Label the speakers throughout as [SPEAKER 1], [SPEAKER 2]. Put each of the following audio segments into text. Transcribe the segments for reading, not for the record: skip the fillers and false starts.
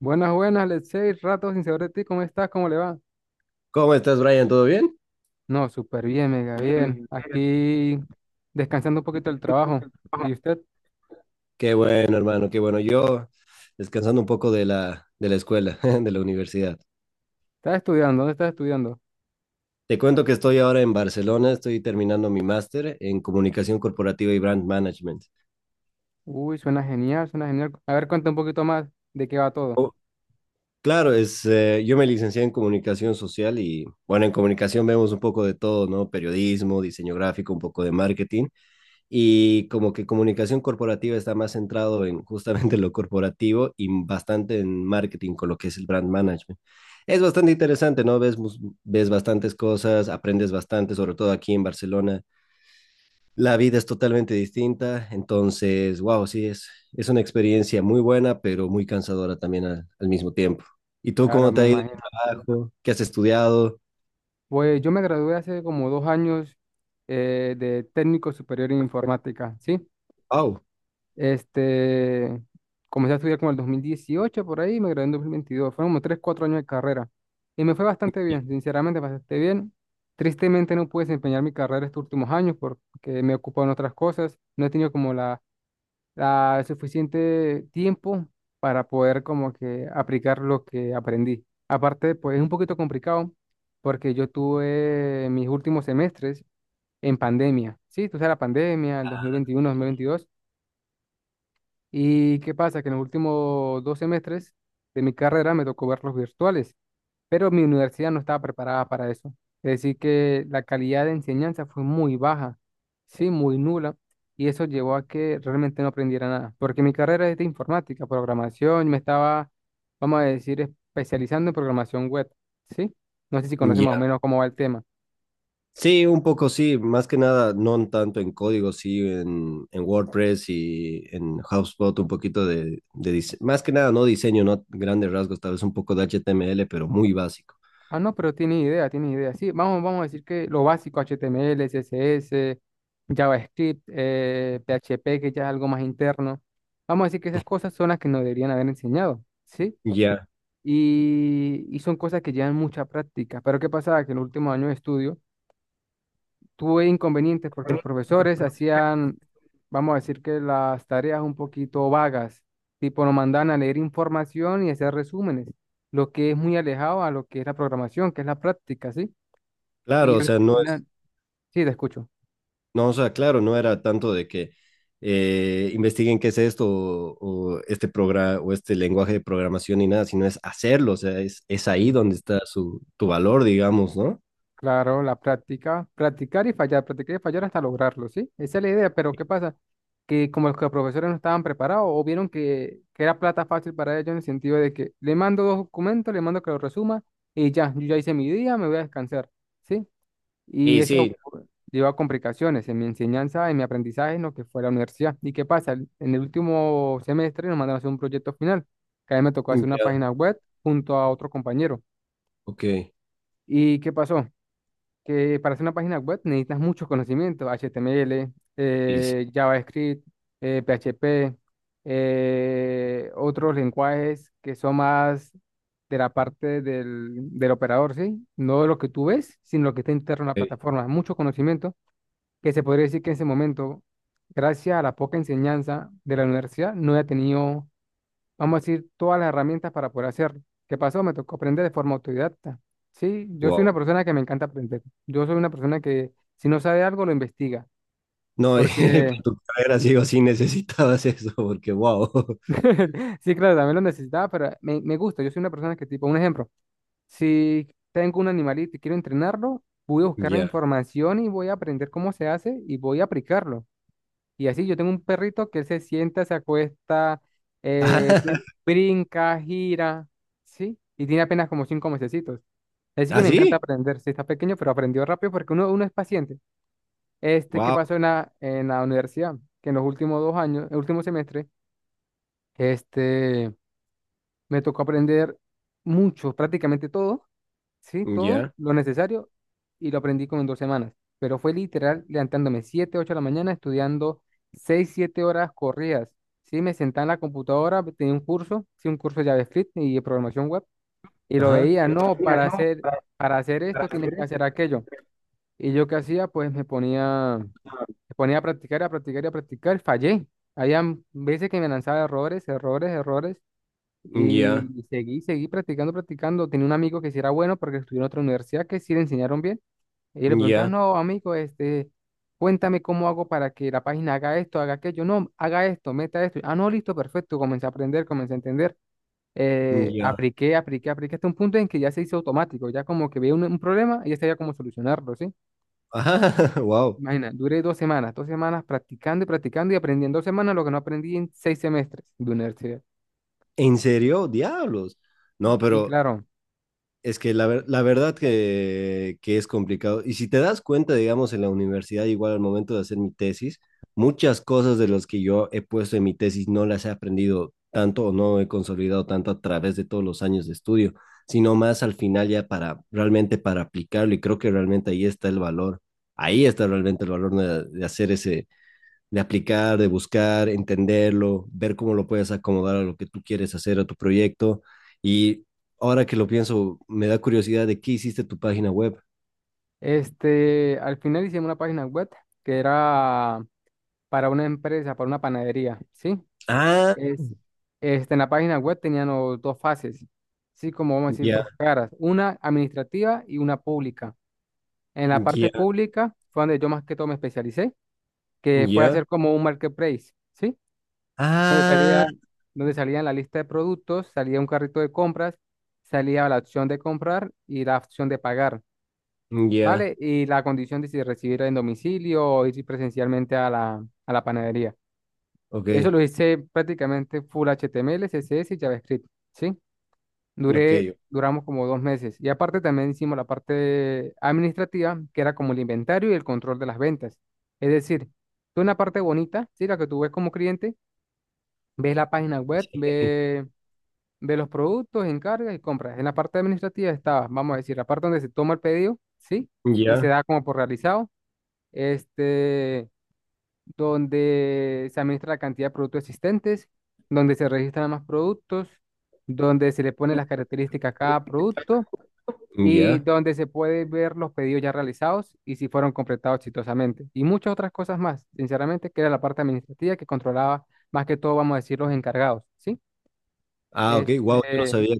[SPEAKER 1] Buenas, buenas, Letsey, rato sin saber de ti, ¿cómo estás? ¿Cómo le va?
[SPEAKER 2] ¿Cómo estás, Brian? ¿Todo bien?
[SPEAKER 1] No, súper bien, mega bien.
[SPEAKER 2] Bien.
[SPEAKER 1] Aquí descansando un poquito del trabajo.
[SPEAKER 2] Ajá.
[SPEAKER 1] ¿Y usted?
[SPEAKER 2] Qué bueno, hermano, qué bueno. Yo descansando un poco de la escuela, de la universidad.
[SPEAKER 1] ¿Está estudiando? ¿Dónde está estudiando?
[SPEAKER 2] Te cuento que estoy ahora en Barcelona, estoy terminando mi máster en comunicación corporativa y brand management.
[SPEAKER 1] Uy, suena genial, suena genial. A ver, cuenta un poquito más de qué va todo.
[SPEAKER 2] Oh, claro, yo me licencié en comunicación social y, bueno, en comunicación vemos un poco de todo, ¿no? Periodismo, diseño gráfico, un poco de marketing. Y como que comunicación corporativa está más centrado en justamente lo corporativo y bastante en marketing con lo que es el brand management. Es bastante interesante, ¿no? Ves bastantes cosas, aprendes bastante, sobre todo aquí en Barcelona. La vida es totalmente distinta, entonces, wow, sí, es una experiencia muy buena, pero muy cansadora también al mismo tiempo. ¿Y tú
[SPEAKER 1] Claro,
[SPEAKER 2] cómo te
[SPEAKER 1] me
[SPEAKER 2] ha ido en
[SPEAKER 1] imagino.
[SPEAKER 2] el trabajo? ¿Qué has estudiado?
[SPEAKER 1] Pues yo me gradué hace como 2 años de técnico superior en informática, ¿sí?
[SPEAKER 2] Wow.
[SPEAKER 1] Este, comencé a estudiar como el 2018 por ahí y me gradué en 2022. Fueron como 3 4 años de carrera. Y me fue bastante bien, sinceramente bastante bien. Tristemente no pude desempeñar mi carrera estos últimos años porque me he ocupado en otras cosas. No he tenido como la suficiente tiempo para poder como que aplicar lo que aprendí. Aparte, pues es un poquito complicado porque yo tuve mis últimos semestres en pandemia. Sí, tú sabes, la pandemia, el dos mil veintiuno 2022. ¿Y qué pasa? Que en los últimos dos semestres de mi carrera me tocó ver los virtuales, pero mi universidad no estaba preparada para eso. Es decir, que la calidad de enseñanza fue muy baja, sí, muy nula, y eso llevó a que realmente no aprendiera nada, porque mi carrera es de informática, programación, me estaba, vamos a decir, especializando en programación web, ¿sí? No sé si conoces más o
[SPEAKER 2] Ya,
[SPEAKER 1] menos cómo va el tema.
[SPEAKER 2] sí, un poco sí, más que nada, no tanto en código, sí, en WordPress y en HubSpot, un poquito de más que nada, no diseño, no grandes rasgos, tal vez un poco de HTML, pero muy básico.
[SPEAKER 1] Ah, no, pero tiene idea, tiene idea. Sí, vamos a decir que lo básico, HTML, CSS, JavaScript, PHP, que ya es algo más interno. Vamos a decir que esas cosas son las que nos deberían haber enseñado, ¿sí?
[SPEAKER 2] Ya,
[SPEAKER 1] Y son cosas que llevan mucha práctica. Pero ¿qué pasaba? Que en los últimos años de estudio tuve inconvenientes porque los profesores hacían, vamos a decir, que las tareas un poquito vagas, tipo nos mandaban a leer información y hacer resúmenes, lo que es muy alejado a lo que es la programación, que es la práctica, ¿sí?
[SPEAKER 2] claro,
[SPEAKER 1] Y
[SPEAKER 2] o
[SPEAKER 1] al
[SPEAKER 2] sea, no es,
[SPEAKER 1] final, sí, te escucho.
[SPEAKER 2] no, o sea, claro, no era tanto de que investiguen qué es esto o este programa o este lenguaje de programación ni nada, sino es hacerlo, o sea, es ahí
[SPEAKER 1] Sí.
[SPEAKER 2] donde está tu valor, digamos, ¿no?
[SPEAKER 1] Claro, la práctica, practicar y fallar hasta lograrlo, ¿sí? Esa es la idea, pero ¿qué pasa? Que como los profesores no estaban preparados o vieron que, era plata fácil para ellos en el sentido de que le mando dos documentos, le mando que lo resuma y ya, yo ya hice mi día, me voy a descansar, ¿sí? Y
[SPEAKER 2] Y
[SPEAKER 1] eso
[SPEAKER 2] sí,
[SPEAKER 1] pues, llevó a complicaciones en mi enseñanza, en mi aprendizaje, en lo que fue la universidad. ¿Y qué pasa? En el último semestre nos mandaron a hacer un proyecto final, que a mí me tocó hacer una
[SPEAKER 2] ya,
[SPEAKER 1] página web junto a otro compañero.
[SPEAKER 2] ok,
[SPEAKER 1] ¿Y qué pasó? Que para hacer una página web necesitas muchos conocimientos, HTML,
[SPEAKER 2] y sí,
[SPEAKER 1] JavaScript, PHP, otros lenguajes que son más de la parte del operador, ¿sí? No lo que tú ves, sino lo que está interno en la plataforma. Mucho conocimiento que se podría decir que en ese momento, gracias a la poca enseñanza de la universidad, no he tenido, vamos a decir, todas las herramientas para poder hacerlo. ¿Qué pasó? Me tocó aprender de forma autodidacta. Sí, yo soy
[SPEAKER 2] wow.
[SPEAKER 1] una persona que me encanta aprender. Yo soy una persona que si no sabe algo, lo investiga.
[SPEAKER 2] No, para
[SPEAKER 1] Porque,
[SPEAKER 2] tu carrera sí o sí necesitabas eso, porque wow.
[SPEAKER 1] sí, claro, también lo necesitaba, pero me gusta. Yo soy una persona que, tipo, un ejemplo, si tengo un animalito y quiero entrenarlo, voy a buscar la
[SPEAKER 2] Ya.
[SPEAKER 1] información y voy a aprender cómo se hace y voy a aplicarlo. Y así yo tengo un perrito que él se sienta, se acuesta, eh, br- brinca, gira, ¿sí? Y tiene apenas como 5 meses. Así que me encanta
[SPEAKER 2] ¿Así?
[SPEAKER 1] aprender. Si está pequeño, pero aprendió rápido porque uno es paciente. Este, ¿qué
[SPEAKER 2] Wow.
[SPEAKER 1] pasó en la universidad? Que en los últimos dos años, el último semestre, este, me tocó aprender mucho, prácticamente todo, sí, todo
[SPEAKER 2] Ya.
[SPEAKER 1] lo necesario y lo aprendí como en 2 semanas. Pero fue literal levantándome 7 8 de la mañana, estudiando 6 7 horas corridas. Sí, me sentaba en la computadora, tenía un curso, sí, un curso de JavaScript y de programación web, y lo
[SPEAKER 2] Ajá.
[SPEAKER 1] veía, no,
[SPEAKER 2] Mira, no,
[SPEAKER 1] para hacer
[SPEAKER 2] para
[SPEAKER 1] esto tienes
[SPEAKER 2] hacer
[SPEAKER 1] que hacer
[SPEAKER 2] eso.
[SPEAKER 1] aquello. Y yo qué hacía, pues me ponía a practicar y a practicar. Fallé. Habían veces que me lanzaba errores, errores, errores.
[SPEAKER 2] Ya.
[SPEAKER 1] Y seguí, seguí practicando, practicando. Tenía un amigo que sí era bueno porque estudió en otra universidad que sí le enseñaron bien. Y yo le preguntaba,
[SPEAKER 2] Ya.
[SPEAKER 1] no, amigo, este, cuéntame cómo hago para que la página haga esto, haga aquello. No, haga esto, meta esto. Ah, no, listo, perfecto. Comencé a aprender, comencé a entender.
[SPEAKER 2] Ya.
[SPEAKER 1] Apliqué, apliqué, apliqué hasta un punto en que ya se hizo automático. Ya como que veía un problema y ya sabía cómo solucionarlo, ¿sí?
[SPEAKER 2] Ajá. Wow.
[SPEAKER 1] Imagina, duré 2 semanas, 2 semanas practicando y practicando y aprendiendo 2 semanas lo que no aprendí en seis semestres de universidad.
[SPEAKER 2] ¿En serio? Diablos. No,
[SPEAKER 1] Sí,
[SPEAKER 2] pero
[SPEAKER 1] claro.
[SPEAKER 2] es que la, la verdad que es complicado. Y si te das cuenta, digamos, en la universidad, igual al momento de hacer mi tesis, muchas cosas de las que yo he puesto en mi tesis no las he aprendido tanto o no he consolidado tanto a través de todos los años de estudio, sino más al final ya para realmente para aplicarlo. Y creo que realmente ahí está el valor. Ahí está realmente el valor de hacer ese, de aplicar, de buscar, entenderlo, ver cómo lo puedes acomodar a lo que tú quieres hacer, a tu proyecto. Y ahora que lo pienso, me da curiosidad de qué hiciste tu página web.
[SPEAKER 1] Este, al final hicimos una página web que era para una empresa, para una panadería, ¿sí?
[SPEAKER 2] Ah,
[SPEAKER 1] Es, este, en la página web tenían los dos fases, sí, como vamos a decir,
[SPEAKER 2] ya,
[SPEAKER 1] dos caras, una administrativa y una pública. En la parte
[SPEAKER 2] ya,
[SPEAKER 1] pública fue donde yo más que todo me especialicé, que fue
[SPEAKER 2] ya.
[SPEAKER 1] hacer como un marketplace, ¿sí?
[SPEAKER 2] Ah,
[SPEAKER 1] Salía, donde salía en la lista de productos, salía un carrito de compras, salía la opción de comprar y la opción de pagar,
[SPEAKER 2] ya,
[SPEAKER 1] ¿vale? Y la condición de si recibir en domicilio o ir presencialmente a la panadería.
[SPEAKER 2] ok,
[SPEAKER 1] Eso lo hice prácticamente full HTML, CSS y JavaScript, ¿sí?
[SPEAKER 2] ok,
[SPEAKER 1] Duré, duramos como 2 meses. Y aparte también hicimos la parte administrativa, que era como el inventario y el control de las ventas. Es decir, tú una parte bonita, ¿sí? La que tú ves como cliente, ves la página web,
[SPEAKER 2] sí,
[SPEAKER 1] ves de los productos, encargas y compras. En la parte administrativa estaba, vamos a decir, la parte donde se toma el pedido, ¿sí? Y se
[SPEAKER 2] ya,
[SPEAKER 1] da como por realizado, este, donde se administra la cantidad de productos existentes, donde se registran más productos, donde se le ponen las características a cada producto y
[SPEAKER 2] ya.
[SPEAKER 1] donde se puede ver los pedidos ya realizados y si fueron completados exitosamente. Y muchas otras cosas más, sinceramente, que era la parte administrativa que controlaba más que todo, vamos a decir, los encargados, ¿sí?
[SPEAKER 2] Ah, ok, wow, yo no
[SPEAKER 1] Este,
[SPEAKER 2] sabía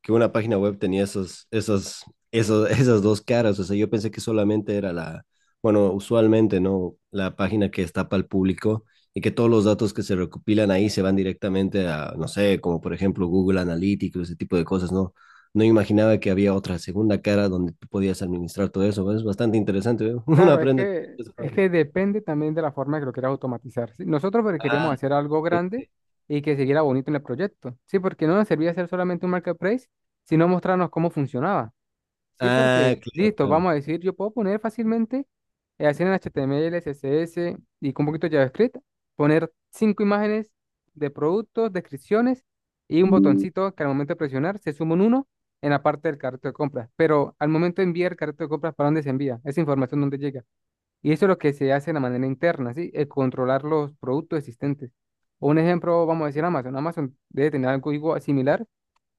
[SPEAKER 2] que una página web tenía esas dos caras. O sea, yo pensé que solamente era la, bueno, usualmente, ¿no? La página que está para el público y que todos los datos que se recopilan ahí se van directamente a, no sé, como por ejemplo Google Analytics, ese tipo de cosas, ¿no? No imaginaba que había otra segunda cara donde tú podías administrar todo eso. Es bastante interesante, ¿eh? Uno
[SPEAKER 1] claro,
[SPEAKER 2] aprende.
[SPEAKER 1] es que depende también de la forma que lo quieras automatizar. ¿Sí? Nosotros porque
[SPEAKER 2] Ah,
[SPEAKER 1] queríamos hacer algo
[SPEAKER 2] ok.
[SPEAKER 1] grande y que siguiera bonito en el proyecto, ¿sí? Porque no nos servía hacer solamente un marketplace, sino mostrarnos cómo funcionaba, ¿sí?
[SPEAKER 2] Ah,
[SPEAKER 1] Porque,
[SPEAKER 2] claro,
[SPEAKER 1] listo,
[SPEAKER 2] claro.
[SPEAKER 1] vamos a decir, yo puedo poner fácilmente, hacer en HTML, CSS y con un poquito de JavaScript, poner cinco imágenes de productos, descripciones y un botoncito que al momento de presionar se suma un uno en la parte del carrito de compras. Pero al momento de enviar el carrito de compras, ¿para dónde se envía? Esa información, ¿dónde llega? Y eso es lo que se hace de la manera interna, ¿sí? El controlar los productos existentes. Un ejemplo, vamos a decir Amazon. Amazon debe tener algo igual, similar,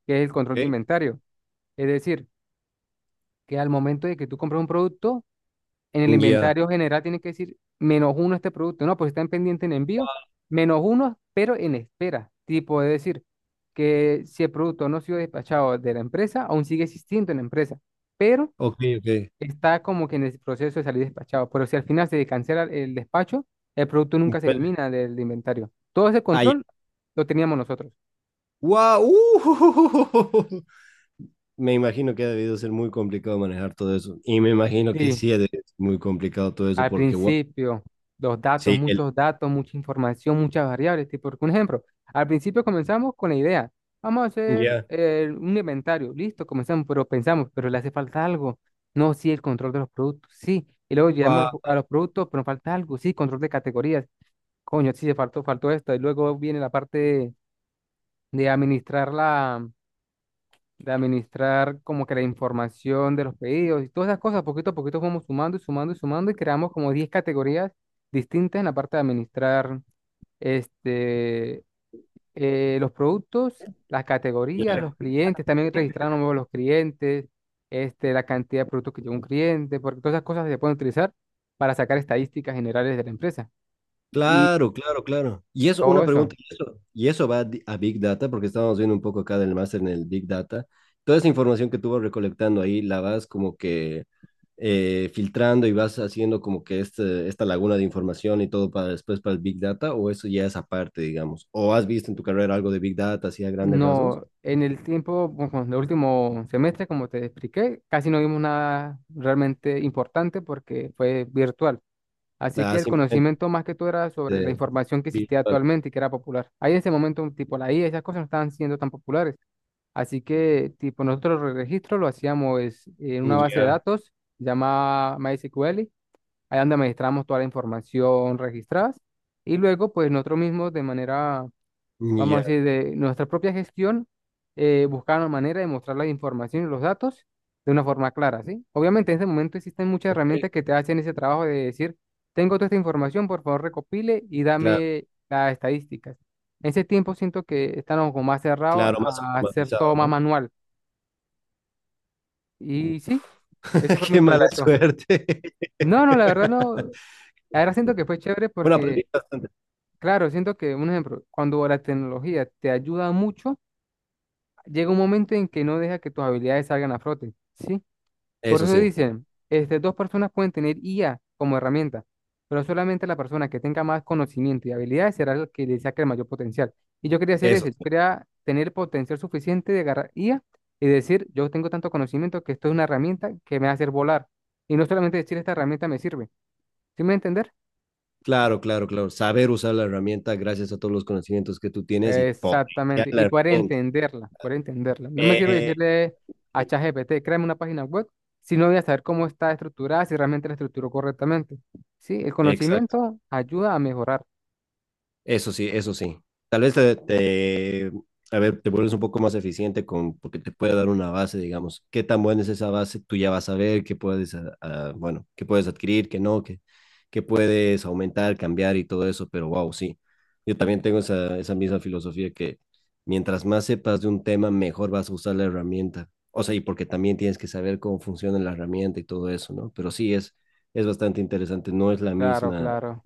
[SPEAKER 1] que es el
[SPEAKER 2] Ok,
[SPEAKER 1] control de inventario. Es decir, que al momento de que tú compras un producto, en el
[SPEAKER 2] ya.
[SPEAKER 1] inventario general tiene que decir menos uno este producto. No, pues está en pendiente en envío, menos uno, pero en espera. Tipo, es decir, que si el producto no ha sido despachado de la empresa, aún sigue existiendo en la empresa, pero
[SPEAKER 2] Ok, ok.
[SPEAKER 1] está como que en el proceso de salir despachado, pero si al final se cancela el despacho, el producto nunca se
[SPEAKER 2] Bueno,
[SPEAKER 1] elimina del inventario. Todo ese
[SPEAKER 2] ah, ya.
[SPEAKER 1] control lo teníamos nosotros.
[SPEAKER 2] ¡Wow! ¡Uh! Me imagino que ha debido ser muy complicado manejar todo eso. Y me imagino que
[SPEAKER 1] Sí,
[SPEAKER 2] sí ha de ser muy complicado todo eso,
[SPEAKER 1] al
[SPEAKER 2] porque wow.
[SPEAKER 1] principio, los datos,
[SPEAKER 2] Sí, el.
[SPEAKER 1] muchos datos, mucha información, muchas variables. Tipo, por ejemplo, al principio comenzamos con la idea, vamos a hacer
[SPEAKER 2] Ya.
[SPEAKER 1] un inventario, listo, comenzamos, pero pensamos, pero le hace falta algo. No, sí, el control de los productos, sí. Y luego llegamos a
[SPEAKER 2] Wow.
[SPEAKER 1] los productos, pero falta algo, sí, control de categorías. Coño, sí, se faltó, faltó esto. Y luego viene la parte de administrar la, de administrar como que la información de los pedidos y todas esas cosas, poquito a poquito fuimos sumando y sumando y sumando y creamos como 10 categorías distintas en la parte de administrar este, los productos, las categorías,
[SPEAKER 2] Ya.
[SPEAKER 1] los clientes, también registramos los clientes, este, la cantidad de productos que lleva un cliente, porque todas esas cosas se pueden utilizar para sacar estadísticas generales de la empresa y
[SPEAKER 2] Claro, claro, claro. Y eso,
[SPEAKER 1] todo
[SPEAKER 2] una
[SPEAKER 1] eso.
[SPEAKER 2] pregunta, y eso a Big Data, porque estábamos viendo un poco acá del máster en el Big Data. Toda esa información que tú vas recolectando ahí, la vas como que filtrando y vas haciendo como que este, esta laguna de información y todo para después para el Big Data, ¿o eso ya es aparte, digamos? ¿O has visto en tu carrera algo de Big Data, así a grandes rasgos?
[SPEAKER 1] No, en el tiempo, bueno, en el último semestre, como te expliqué, casi no vimos nada realmente importante porque fue virtual. Así
[SPEAKER 2] Ah,
[SPEAKER 1] que el
[SPEAKER 2] simplemente
[SPEAKER 1] conocimiento más que todo era sobre la
[SPEAKER 2] eh,
[SPEAKER 1] información que existía
[SPEAKER 2] virtual.
[SPEAKER 1] actualmente y que era popular. Ahí en ese momento, tipo la IA, esas cosas no estaban siendo tan populares. Así que, tipo, nosotros el registro lo hacíamos es en una base de
[SPEAKER 2] Ya,
[SPEAKER 1] datos llamada MySQL, ahí donde administramos toda la información registrada. Y luego, pues nosotros mismos de manera, vamos a
[SPEAKER 2] ya,
[SPEAKER 1] decir, de nuestra propia gestión, buscar una manera de mostrar la información y los datos de una forma clara, ¿sí? Obviamente en ese momento existen muchas
[SPEAKER 2] ok,
[SPEAKER 1] herramientas que te hacen ese trabajo de decir, tengo toda esta información, por favor recopile y
[SPEAKER 2] claro,
[SPEAKER 1] dame las estadísticas. En ese tiempo siento que estamos como más cerrados
[SPEAKER 2] claro, más
[SPEAKER 1] a hacer
[SPEAKER 2] automatizado,
[SPEAKER 1] todo más
[SPEAKER 2] ¿no?
[SPEAKER 1] manual. Y sí, ese fue mi
[SPEAKER 2] Qué mala
[SPEAKER 1] proyecto.
[SPEAKER 2] suerte.
[SPEAKER 1] No, no, la verdad no. La verdad siento que fue chévere
[SPEAKER 2] Bueno,
[SPEAKER 1] porque,
[SPEAKER 2] aprendí bastante.
[SPEAKER 1] claro, siento que, un ejemplo, cuando la tecnología te ayuda mucho, llega un momento en que no deja que tus habilidades salgan a flote, ¿sí? Por
[SPEAKER 2] Eso
[SPEAKER 1] eso
[SPEAKER 2] sí,
[SPEAKER 1] dicen, este, dos personas pueden tener IA como herramienta, pero solamente la persona que tenga más conocimiento y habilidades será la que le saque el mayor potencial. Y yo quería hacer
[SPEAKER 2] eso
[SPEAKER 1] ese, yo
[SPEAKER 2] sí.
[SPEAKER 1] quería tener potencial suficiente de agarrar IA y decir, yo tengo tanto conocimiento que esto es una herramienta que me va a hacer volar. Y no solamente decir, esta herramienta me sirve, ¿sí me va a entender?
[SPEAKER 2] Claro, claro, claro. Saber usar la herramienta gracias a todos los conocimientos que tú tienes y potenciar
[SPEAKER 1] Exactamente,
[SPEAKER 2] la
[SPEAKER 1] y poder
[SPEAKER 2] herramienta.
[SPEAKER 1] entenderla, poder entenderla. No me sirve
[SPEAKER 2] Eh,
[SPEAKER 1] decirle a ChatGPT, créame una página web, si no voy a saber cómo está estructurada, si realmente la estructuró correctamente. Sí, el
[SPEAKER 2] exacto.
[SPEAKER 1] conocimiento ayuda a mejorar.
[SPEAKER 2] Eso sí, eso sí. Tal vez te, te- A ver, te vuelves un poco más eficiente con, porque te puede dar una base, digamos, qué tan buena es esa base, tú ya vas a ver qué puedes, ah, ah, bueno, qué puedes adquirir, qué no, qué, qué puedes aumentar, cambiar y todo eso, pero wow, sí. Yo también tengo esa misma filosofía que mientras más sepas de un tema, mejor vas a usar la herramienta. O sea, y porque también tienes que saber cómo funciona la herramienta y todo eso, ¿no? Pero sí, es bastante interesante, no es la
[SPEAKER 1] Claro,
[SPEAKER 2] misma
[SPEAKER 1] claro.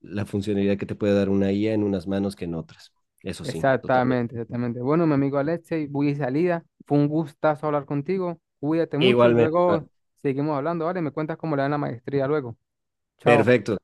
[SPEAKER 2] la funcionalidad que te puede dar una IA en unas manos que en otras. Eso sí, totalmente.
[SPEAKER 1] Exactamente, exactamente. Bueno, mi amigo Alexei, voy de salida. Fue un gustazo hablar contigo. Cuídate mucho y
[SPEAKER 2] Igualmente,
[SPEAKER 1] luego
[SPEAKER 2] Juan.
[SPEAKER 1] seguimos hablando, ¿vale? Me cuentas cómo le dan la maestría luego. Chao.
[SPEAKER 2] Perfecto.